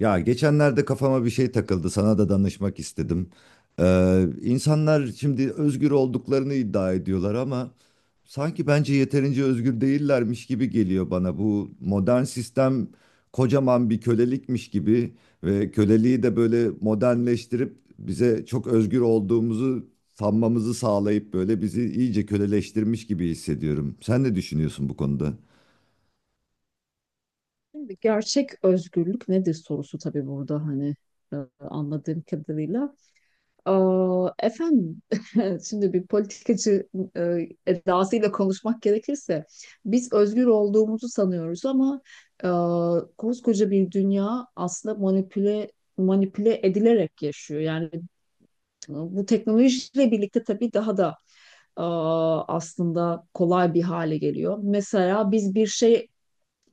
Ya geçenlerde kafama bir şey takıldı, sana da danışmak istedim. İnsanlar şimdi özgür olduklarını iddia ediyorlar ama sanki bence yeterince özgür değillermiş gibi geliyor bana. Bu modern sistem kocaman bir kölelikmiş gibi ve köleliği de böyle modernleştirip bize çok özgür olduğumuzu sanmamızı sağlayıp böyle bizi iyice köleleştirmiş gibi hissediyorum. Sen ne düşünüyorsun bu konuda? Şimdi gerçek özgürlük nedir sorusu tabii burada hani anladığım kadarıyla. Aa, efendim şimdi bir politikacı edasıyla konuşmak gerekirse biz özgür olduğumuzu sanıyoruz ama e, koskoca bir dünya aslında manipüle edilerek yaşıyor. Yani bu teknolojiyle birlikte tabii daha da e, aslında kolay bir hale geliyor. Mesela biz bir şey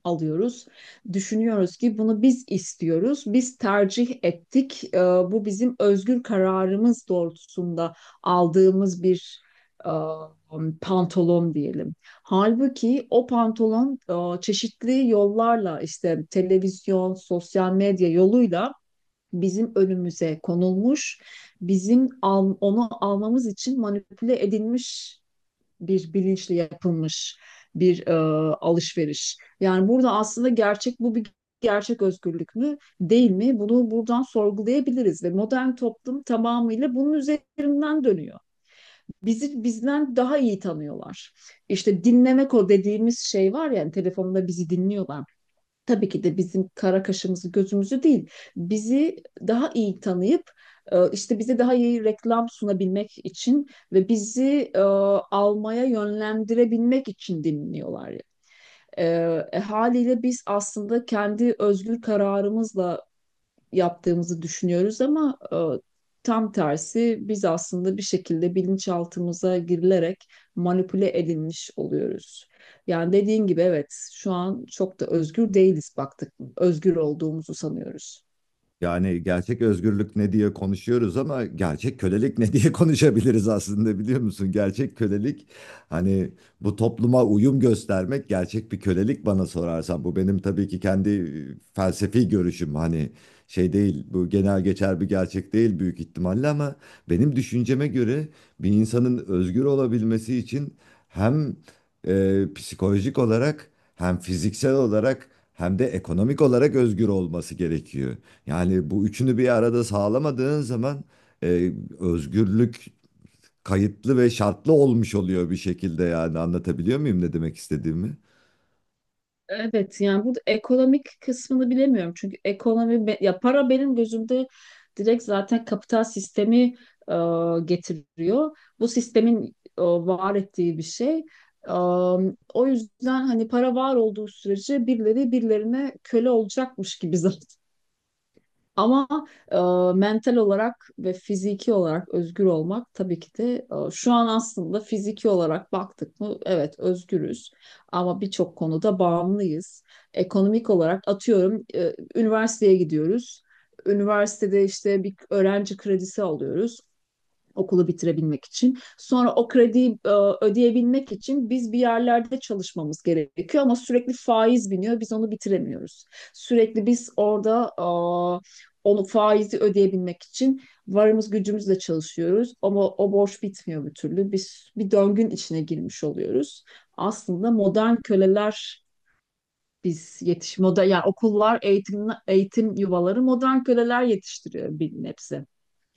alıyoruz. Düşünüyoruz ki bunu biz istiyoruz, biz tercih ettik. Bu bizim özgür kararımız doğrultusunda aldığımız bir e, pantolon diyelim. Halbuki o pantolon çeşitli yollarla işte televizyon, sosyal medya yoluyla bizim önümüze konulmuş, onu almamız için manipüle edilmiş bir bilinçle yapılmış bir alışveriş. Yani burada aslında gerçek bu bir gerçek özgürlük mü değil mi? Bunu buradan sorgulayabiliriz ve modern toplum tamamıyla bunun üzerinden dönüyor. Bizi bizden daha iyi tanıyorlar. İşte dinlemek o dediğimiz şey var ya hani telefonda bizi dinliyorlar, tabii ki de bizim kara kaşımızı gözümüzü değil, bizi daha iyi tanıyıp, işte bize daha iyi reklam sunabilmek için ve bizi almaya yönlendirebilmek için dinliyorlar. E, Haliyle biz aslında kendi özgür kararımızla yaptığımızı düşünüyoruz ama tam tersi biz aslında bir şekilde bilinçaltımıza girilerek manipüle edilmiş oluyoruz. Yani dediğin gibi evet şu an çok da özgür değiliz baktık. Özgür olduğumuzu sanıyoruz. Yani gerçek özgürlük ne diye konuşuyoruz ama gerçek kölelik ne diye konuşabiliriz aslında biliyor musun? Gerçek kölelik hani bu topluma uyum göstermek gerçek bir kölelik bana sorarsan. Bu benim tabii ki kendi felsefi görüşüm, hani şey değil, bu genel geçer bir gerçek değil büyük ihtimalle ama benim düşünceme göre bir insanın özgür olabilmesi için hem psikolojik olarak, hem fiziksel olarak, hem de ekonomik olarak özgür olması gerekiyor. Yani bu üçünü bir arada sağlamadığın zaman e, özgürlük kayıtlı ve şartlı olmuş oluyor bir şekilde, yani anlatabiliyor muyum ne demek istediğimi? Evet, yani burada ekonomik kısmını bilemiyorum. Çünkü ya para benim gözümde direkt zaten kapital sistemi e, getiriyor. Bu sistemin var ettiği bir şey. E, O yüzden hani para var olduğu sürece birileri birilerine köle olacakmış gibi zaten ama e, mental olarak ve fiziki olarak özgür olmak tabii ki de, şu an aslında fiziki olarak baktık mı evet özgürüz ama birçok konuda bağımlıyız. Ekonomik olarak atıyorum, üniversiteye gidiyoruz. Üniversitede işte bir öğrenci kredisi alıyoruz okulu bitirebilmek için. Sonra o krediyi ödeyebilmek için biz bir yerlerde çalışmamız gerekiyor ama sürekli faiz biniyor. Biz onu bitiremiyoruz. Sürekli biz orada onu faizi ödeyebilmek için varımız gücümüzle çalışıyoruz ama o borç bitmiyor bir türlü. Biz bir döngün içine girmiş oluyoruz. Aslında modern köleler biz yetiş moda, yani okullar, eğitim yuvaları modern köleler yetiştiriyor bir nebze.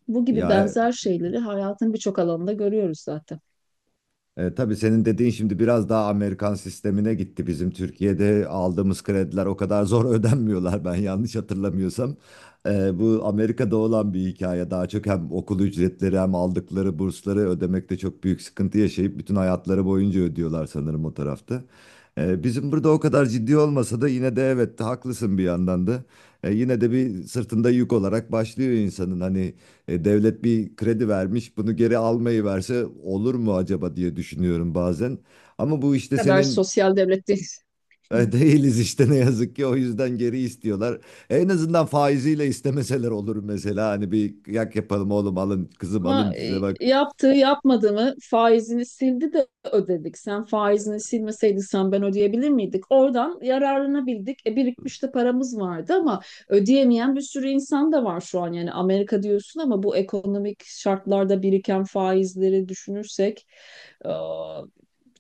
Bu gibi Ya benzer şeyleri hayatın birçok alanında görüyoruz zaten. Tabii senin dediğin şimdi biraz daha Amerikan sistemine gitti. Bizim Türkiye'de aldığımız krediler o kadar zor ödenmiyorlar ben yanlış hatırlamıyorsam. Bu Amerika'da olan bir hikaye. Daha çok hem okul ücretleri hem aldıkları bursları ödemekte çok büyük sıkıntı yaşayıp bütün hayatları boyunca ödüyorlar sanırım o tarafta. Bizim burada o kadar ciddi olmasa da yine de evet, haklısın bir yandan da. Yine de bir sırtında yük olarak başlıyor insanın, hani. Devlet bir kredi vermiş, bunu geri almayı verse olur mu acaba diye düşünüyorum bazen. Ama bu işte Ne kadar senin sosyal devletteyiz. Değiliz işte, ne yazık ki o yüzden geri istiyorlar. En azından faiziyle istemeseler olur mesela, hani bir yak yapalım, oğlum alın, kızım Ama alın size bak. yaptığı yapmadığını faizini sildi de ödedik. Sen faizini silmeseydin sen ben ödeyebilir miydik? Oradan yararlanabildik. E, birikmiş de paramız vardı ama ödeyemeyen bir sürü insan da var şu an. Yani Amerika diyorsun ama bu ekonomik şartlarda biriken faizleri düşünürsek e,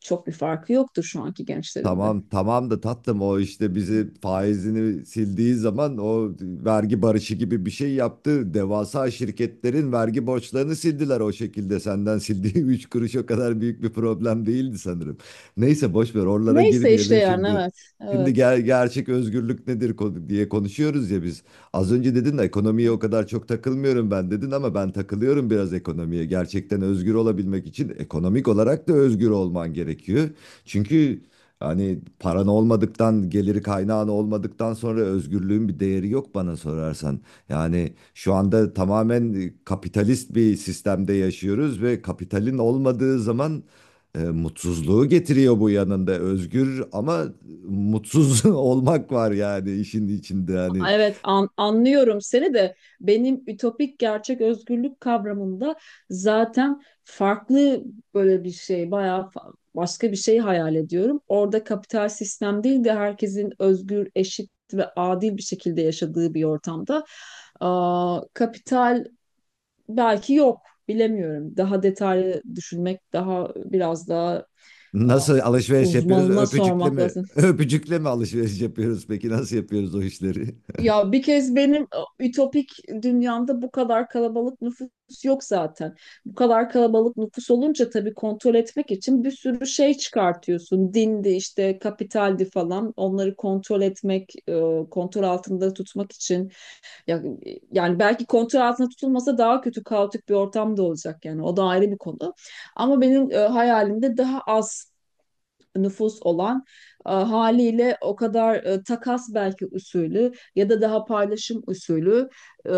çok bir farkı yoktur şu anki gençlerin de. Tamam tamam da tatlım, o işte bizi faizini sildiği zaman o vergi barışı gibi bir şey yaptı. Devasa şirketlerin vergi borçlarını sildiler o şekilde. Senden sildiği 3 kuruş o kadar büyük bir problem değildi sanırım. Neyse, boş ver, oralara Neyse işte girmeyelim yani şimdi. evet. Şimdi Evet. gerçek özgürlük nedir diye konuşuyoruz ya biz. Az önce dedin ekonomiye o kadar çok takılmıyorum ben dedin, ama ben takılıyorum biraz ekonomiye. Gerçekten özgür olabilmek için ekonomik olarak da özgür olman gerekiyor. Çünkü hani paran olmadıktan, geliri kaynağın olmadıktan sonra özgürlüğün bir değeri yok bana sorarsan. Yani şu anda tamamen kapitalist bir sistemde yaşıyoruz ve kapitalin olmadığı zaman mutsuzluğu getiriyor bu yanında. Özgür ama mutsuz olmak var yani işin içinde. Hani Anlıyorum seni de benim ütopik gerçek özgürlük kavramında zaten farklı böyle bir şey bayağı, başka bir şey hayal ediyorum. Orada kapital sistem değil de herkesin özgür, eşit ve adil bir şekilde yaşadığı bir ortamda. Aa, kapital belki yok, bilemiyorum. Daha detaylı düşünmek, daha biraz daha, aa, nasıl alışveriş yapıyoruz? uzmanına Öpücükle sormak mi? lazım. Öpücükle mi alışveriş yapıyoruz? Peki nasıl yapıyoruz o işleri? Ya bir kez benim ütopik dünyamda bu kadar kalabalık nüfus yok zaten. Bu kadar kalabalık nüfus olunca tabii kontrol etmek için bir sürü şey çıkartıyorsun. Dindi, işte kapitaldi, falan. Onları kontrol etmek, kontrol altında tutmak için. Ya, yani belki kontrol altında tutulmasa daha kötü kaotik bir ortam da olacak, yani o da ayrı bir konu. Ama benim hayalimde daha az nüfus olan, haliyle o kadar, takas belki usulü ya da daha paylaşım usulü, e,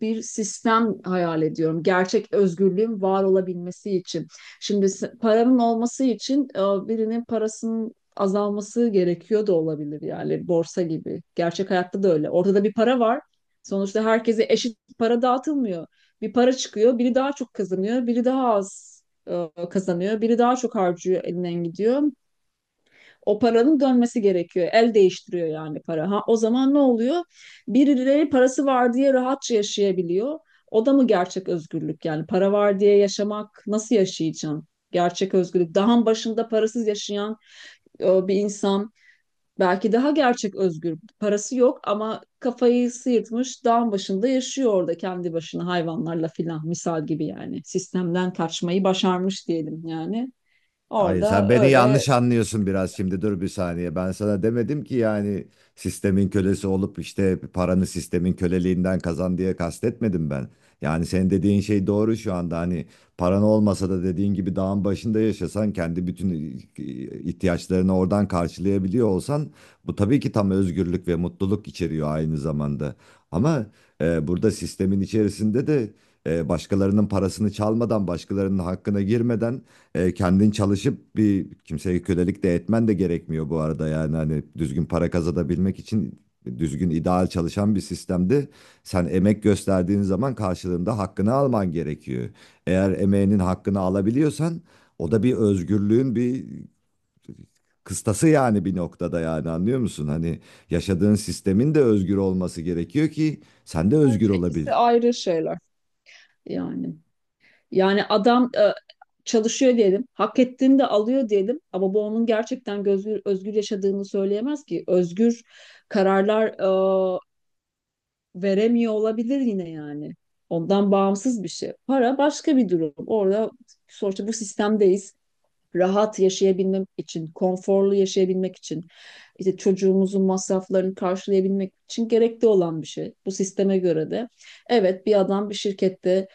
bir sistem hayal ediyorum. Gerçek özgürlüğün var olabilmesi için. Paranın olması için, birinin parasının azalması gerekiyor da olabilir, yani borsa gibi. Gerçek hayatta da öyle. Ortada bir para var. Sonuçta herkese eşit para dağıtılmıyor. Bir para çıkıyor, biri daha çok kazanıyor, biri daha az kazanıyor, biri daha çok harcıyor, elinden gidiyor. O paranın dönmesi gerekiyor. El değiştiriyor yani para. Ha, o zaman ne oluyor? Birileri parası var diye rahatça yaşayabiliyor. O da mı gerçek özgürlük? Yani para var diye yaşamak, nasıl yaşayacaksın? Gerçek özgürlük. Dağın başında parasız yaşayan bir insan belki daha gerçek özgür. Parası yok ama kafayı sıyırtmış, dağın başında yaşıyor orada kendi başına hayvanlarla filan, misal gibi yani. Sistemden kaçmayı başarmış diyelim yani. Hayır, sen Orada beni öyle, yanlış anlıyorsun biraz, şimdi dur bir saniye. Ben sana demedim ki yani sistemin kölesi olup işte paranı sistemin köleliğinden kazan diye kastetmedim ben. Yani senin dediğin şey doğru şu anda, hani paran olmasa da dediğin gibi dağın başında yaşasan kendi bütün ihtiyaçlarını oradan karşılayabiliyor olsan bu tabii ki tam özgürlük ve mutluluk içeriyor aynı zamanda. Ama burada sistemin içerisinde de başkalarının parasını çalmadan, başkalarının hakkına girmeden, kendin çalışıp bir kimseye kölelik de etmen de gerekmiyor bu arada, yani hani düzgün para kazanabilmek için düzgün ideal çalışan bir sistemde sen emek gösterdiğin zaman karşılığında hakkını alman gerekiyor. Eğer emeğinin hakkını alabiliyorsan o da bir özgürlüğün bir kıstası yani, bir noktada, yani anlıyor musun? Hani yaşadığın sistemin de özgür olması gerekiyor ki sen de özgür bence olabil. ikisi ayrı şeyler. Yani yani adam çalışıyor diyelim, hak ettiğini de alıyor diyelim ama bu onun gerçekten özgür yaşadığını söyleyemez ki. Özgür kararlar e, veremiyor olabilir yine yani. Ondan bağımsız bir şey. Para başka bir durum. Orada sonuçta bu sistemdeyiz. Rahat yaşayabilmek için, konforlu yaşayabilmek için, işte çocuğumuzun masraflarını karşılayabilmek için gerekli olan bir şey. Bu sisteme göre de. Evet, bir adam bir şirkette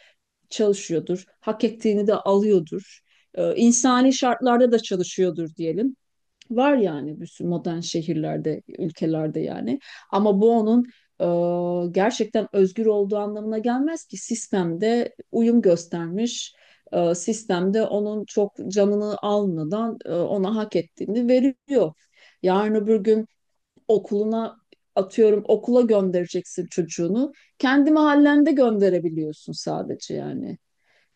çalışıyordur, hak ettiğini de alıyordur, insani şartlarda da çalışıyordur diyelim. Var yani bir sürü modern şehirlerde, ülkelerde yani. Ama bu onun gerçekten özgür olduğu anlamına gelmez ki sistemde uyum göstermiş, sistemde onun çok canını almadan ona hak ettiğini veriyor. Yarın öbür gün okuluna atıyorum, okula göndereceksin çocuğunu. Kendi mahallende gönderebiliyorsun sadece yani.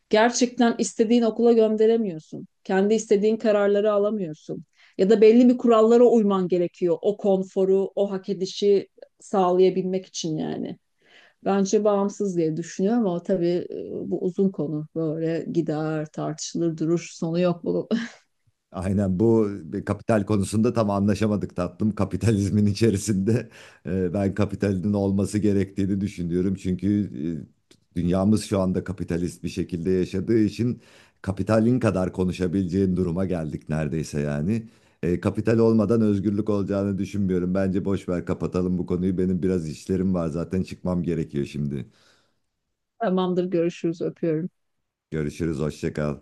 Gerçekten istediğin okula gönderemiyorsun. Kendi istediğin kararları alamıyorsun. Ya da belli bir kurallara uyman gerekiyor. O konforu, o hak edişi sağlayabilmek için yani. Bence bağımsız diye düşünüyorum ama tabii bu uzun konu. Böyle gider, tartışılır, durur, sonu yok bunun. Aynen, bu bir kapital konusunda tam anlaşamadık tatlım. Kapitalizmin içerisinde ben kapitalin olması gerektiğini düşünüyorum. Çünkü dünyamız şu anda kapitalist bir şekilde yaşadığı için kapitalin kadar konuşabileceğin duruma geldik neredeyse yani. Kapital olmadan özgürlük olacağını düşünmüyorum. Bence boş ver, kapatalım bu konuyu. Benim biraz işlerim var zaten, çıkmam gerekiyor şimdi. Tamamdır, görüşürüz, öpüyorum. Görüşürüz, hoşça kal.